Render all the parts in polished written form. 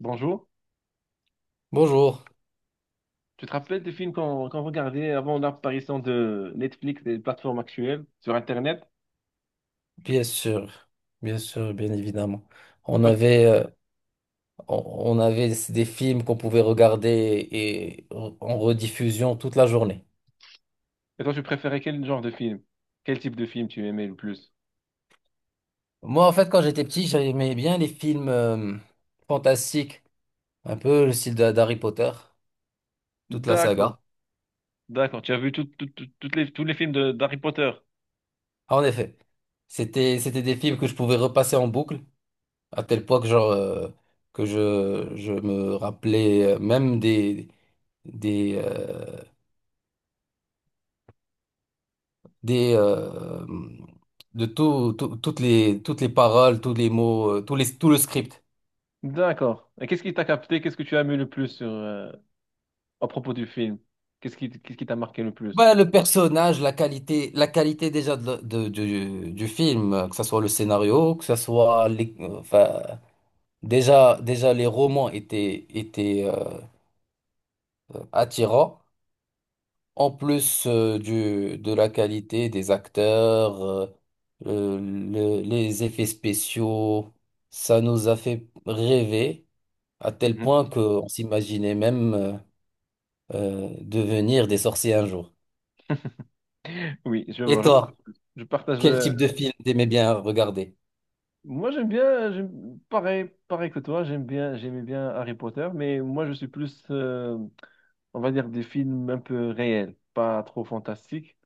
Bonjour. Bonjour, Tu te rappelles des films qu'on regardait avant l'apparition de Netflix et des plateformes actuelles sur Internet? bien sûr, bien sûr, bien évidemment. On Toi, avait, on on avait des films qu'on pouvait regarder et en rediffusion toute la journée. et toi, tu préférais quel genre de film? Quel type de film tu aimais le plus? Moi, en fait, quand j'étais petit, j'aimais bien les films fantastiques, un peu le style d'Harry Potter, toute la D'accord, saga. d'accord. Tu as vu toutes les, tous les films d'Harry Potter? Ah, en effet, c'était des films que je pouvais repasser en boucle, à tel point que, genre, que je me rappelais même des, euh, des de toutes les paroles, tous les mots, tous les tout le script. D'accord. Et qu'est-ce qui t'a capté? Qu'est-ce que tu as aimé le plus sur, à propos du film? Qu'est-ce qui t'a marqué le plus? Bah, le personnage, la qualité déjà du du film, que ce soit le scénario, que ce soit les, enfin, déjà les romans étaient attirants. En plus du de la qualité des acteurs, les effets spéciaux, ça nous a fait rêver. À tel Mhm. point qu'on s'imaginait même devenir des sorciers un jour. Oui, je Et vois, toi, je partage. quel type de film t'aimais bien regarder? Moi, j'aime bien, pareil, pareil que toi, j'aime bien, j'aimais bien Harry Potter, mais moi, je suis plus, on va dire, des films un peu réels, pas trop fantastiques,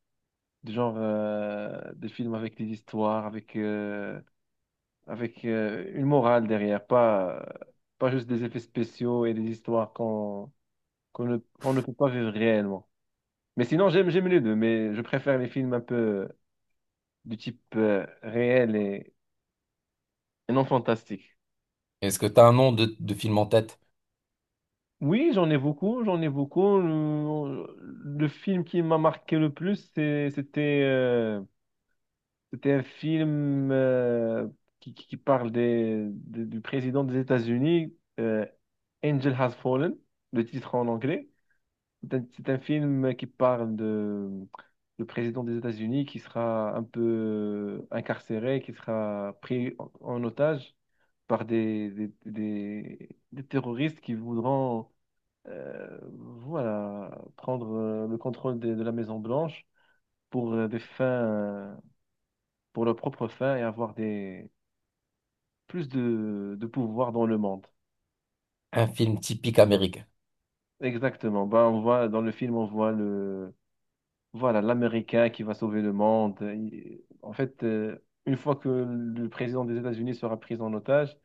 du genre des films avec des histoires, avec une morale derrière, pas, pas juste des effets spéciaux et des histoires qu'on ne peut pas vivre réellement. Mais sinon, j'aime, j'aime les deux, mais je préfère les films un peu du type réel et non fantastique. Est-ce que t'as un nom de film en tête? Oui, j'en ai beaucoup, j'en ai beaucoup. Le film qui m'a marqué le plus, c'était c'était un film qui, qui parle des, du président des États-Unis, Angel Has Fallen, le titre en anglais. C'est un film qui parle de le président des États-Unis qui sera un peu incarcéré, qui sera pris en, en otage par des terroristes qui voudront euh, voilà, prendre le contrôle de, la Maison Blanche pour des fins, pour leurs propres fins et avoir des plus de pouvoir dans le monde. Un film typique américain. Exactement. Ben, on voit dans le film, on voit le voilà l'Américain qui va sauver le monde. En fait, une fois que le président des États-Unis sera pris en otage,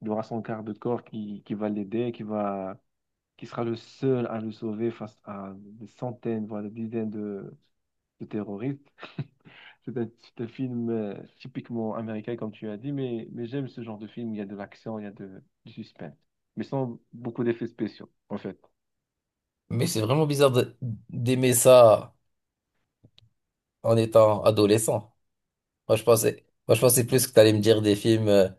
il aura son quart de corps qui va l'aider, qui va qui sera le seul à le sauver face à des centaines, voire des dizaines de terroristes. C'est un film typiquement américain, comme tu as dit, mais j'aime ce genre de film. Il y a de l'action, il y a de, du suspense, mais sans beaucoup d'effets spéciaux, en fait. Mais c'est vraiment bizarre d'aimer ça en étant adolescent. Moi, je pensais plus que t'allais me dire des films euh,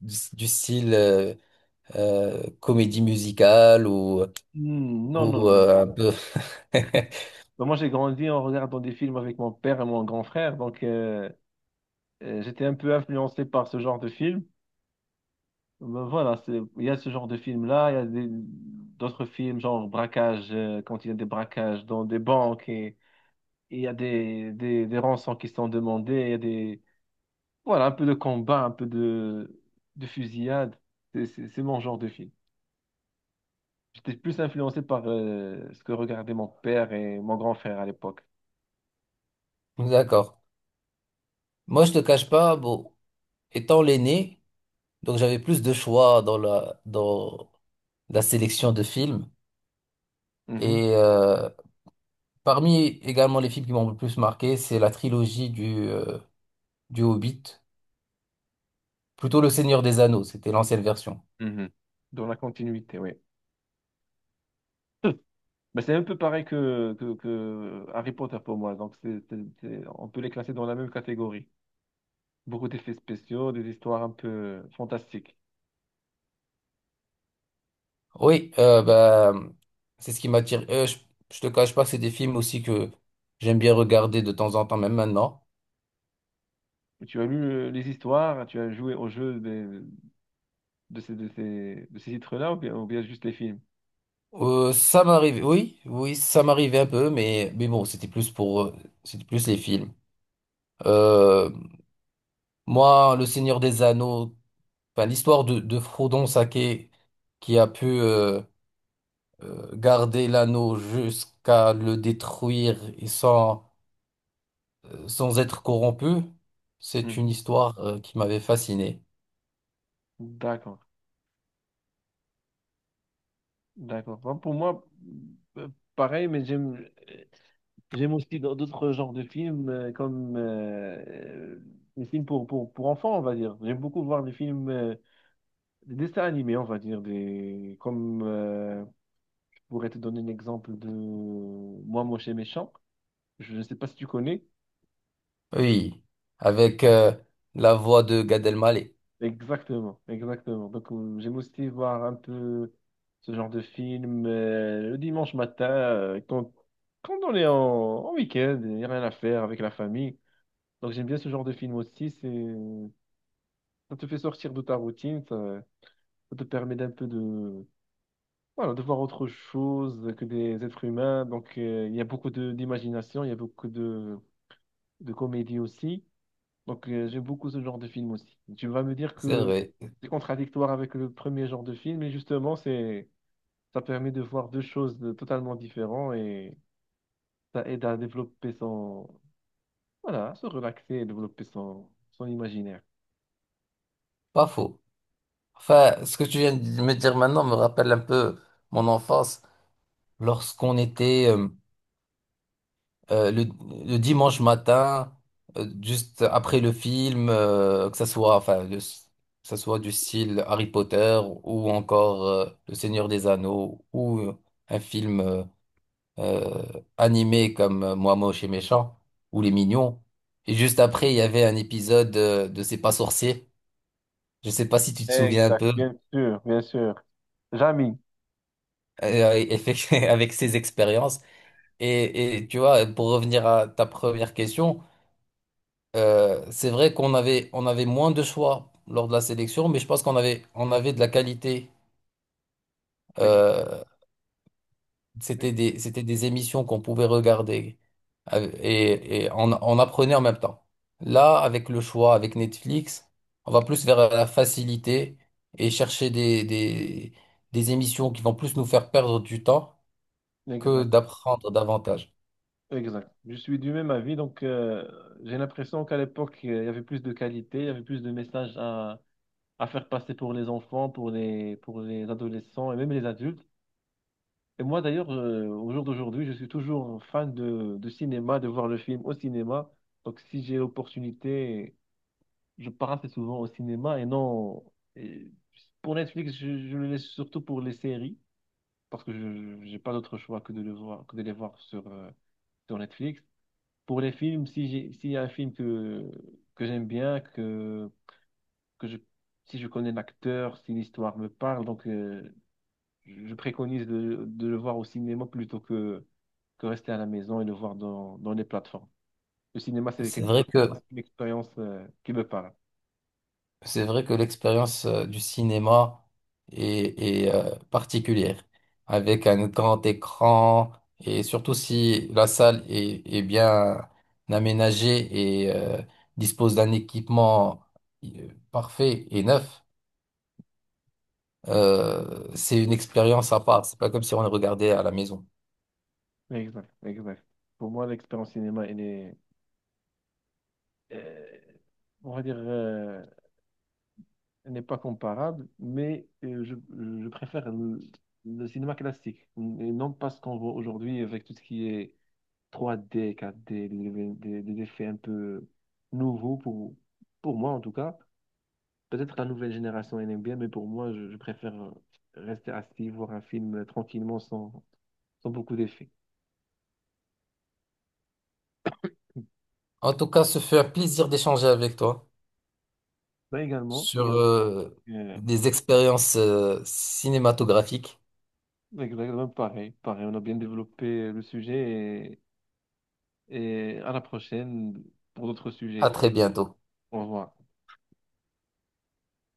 du, du style comédie musicale Hmm, non, non, ou non, non. Un peu... Ben, moi, j'ai grandi en regardant des films avec mon père et mon grand frère, donc j'étais un peu influencé par ce genre de film. Ben, voilà, c'est, il y a ce genre de film-là, il y a d'autres films, genre braquage, quand il y a des braquages dans des banques et il y a des rançons qui sont demandées, il y a des voilà, un peu de combat, un peu de fusillade. C'est mon genre de film. J'étais plus influencé par ce que regardaient mon père et mon grand frère à l'époque. D'accord. Moi, je te cache pas, bon, étant l'aîné, donc j'avais plus de choix dans dans la sélection de films. Mhm, Et parmi également les films qui m'ont le plus marqué, c'est la trilogie du Hobbit, plutôt Le Seigneur des Anneaux, c'était l'ancienne version. mhm. Dans la continuité, oui. Mais c'est un peu pareil que Harry Potter pour moi. Donc, c'est, on peut les classer dans la même catégorie. Beaucoup d'effets spéciaux, des histoires un peu fantastiques. Oui, bah, c'est ce qui m'attire. Je te cache pas, c'est des films aussi que j'aime bien regarder de temps en temps, même maintenant. Tu as lu les histoires, tu as joué au jeu de ces, de ces, de ces titres-là ou bien juste les films? Ça m'arrive, oui, oui, ça m'arrivait un peu, mais bon, c'était plus pour, c'était plus les films. Euh, moi, Le Seigneur des Anneaux, enfin, l'histoire de Frodon Sake qui a pu garder l'anneau jusqu'à le détruire et sans, sans être corrompu, c'est une Mhm. histoire qui m'avait fasciné. D'accord. D'accord. Bon, pour moi, euh, pareil, mais j'aime euh, j'aime aussi dans d'autres genres de films, comme les films pour enfants, on va dire. J'aime beaucoup voir des films, des dessins animés, on va dire. Des, comme je pourrais te donner un exemple de Moi, Moche et Méchant. Je ne sais pas si tu connais. Oui, avec la voix de Gad Elmaleh. Exactement, exactement. Donc, j'aime aussi voir un peu ce genre de film le dimanche matin, quand, quand on est en, en week-end, il n'y a rien à faire avec la famille. Donc, j'aime bien ce genre de film aussi. C'est, ça te fait sortir de ta routine, ça te permet d'un peu de, voilà, de voir autre chose que des êtres humains. Donc, il y a beaucoup de, d'imagination, il y a beaucoup de comédie aussi. Donc, j'aime beaucoup ce genre de film aussi. Tu vas me dire C'est que vrai, c'est contradictoire avec le premier genre de film, mais justement, c'est, ça permet de voir deux choses totalement différentes et ça aide à développer son, voilà, à se relaxer et développer son, son imaginaire. pas faux. Enfin, ce que tu viens de me dire maintenant me rappelle un peu mon enfance, lorsqu'on était euh, le, le dimanche matin, juste après le film, que ça soit, enfin, que ça soit du style Harry Potter ou encore Le Seigneur des Anneaux ou un film euh, animés comme Moi Moche et Méchant ou Les Mignons. Et juste après, il y avait un épisode de C'est pas sorcier. Je sais pas si tu te souviens un Exact, peu bien sûr, bien sûr. Jamy, avec ses expériences. Et tu vois, pour revenir à ta première question, c'est vrai on avait moins de choix lors de la sélection, mais je pense on avait de la qualité. Ex- Euh, ex- c'était des émissions qu'on pouvait regarder. Euh, et on apprenait en même temps. Là, avec le choix, avec Netflix, on va plus vers la facilité et chercher des émissions qui vont plus nous faire perdre du temps que Exact, d'apprendre davantage. exact. Je suis du même avis, donc j'ai l'impression qu'à l'époque, il y avait plus de qualité, il y avait plus de messages à faire passer pour les enfants, pour les adolescents et même les adultes. Et moi d'ailleurs, au jour d'aujourd'hui, je suis toujours fan de cinéma, de voir le film au cinéma. Donc si j'ai l'opportunité, je pars assez souvent au cinéma et non. Et pour Netflix, je le laisse surtout pour les séries, parce que je n'ai pas d'autre choix que de le voir, que de les voir sur, sur Netflix. Pour les films, si j'ai, s'il y a un film que j'aime bien, que je, si je connais l'acteur, si l'histoire me parle, donc je préconise de le voir au cinéma plutôt que rester à la maison et le voir dans, dans les plateformes. Le cinéma, c'est C'est quelque vrai chose, que c'est une expérience qui me parle. C'est vrai que l'expérience du cinéma est particulière, avec un grand écran, et surtout si la salle est, est bien aménagée et dispose d'un équipement parfait et neuf, c'est une expérience à part. C'est pas comme si on le regardait à la maison. Exact, exact. Pour moi, l'expérience cinéma, elle est, euh, on va dire, elle n'est pas comparable, mais je préfère le cinéma classique, et non pas ce qu'on voit aujourd'hui avec tout ce qui est 3D, 4D, des effets un peu nouveaux pour moi en tout cas. Peut-être la nouvelle génération elle aime bien, mais pour moi, je préfère rester assis, voir un film tranquillement sans, sans beaucoup d'effets. En tout cas, ce fut un plaisir d'échanger avec toi Bah, également, sur également, euh, des expériences cinématographiques. exactement pareil, pareil. On a bien développé le sujet et à la prochaine pour d'autres À sujets. très bientôt. Au revoir.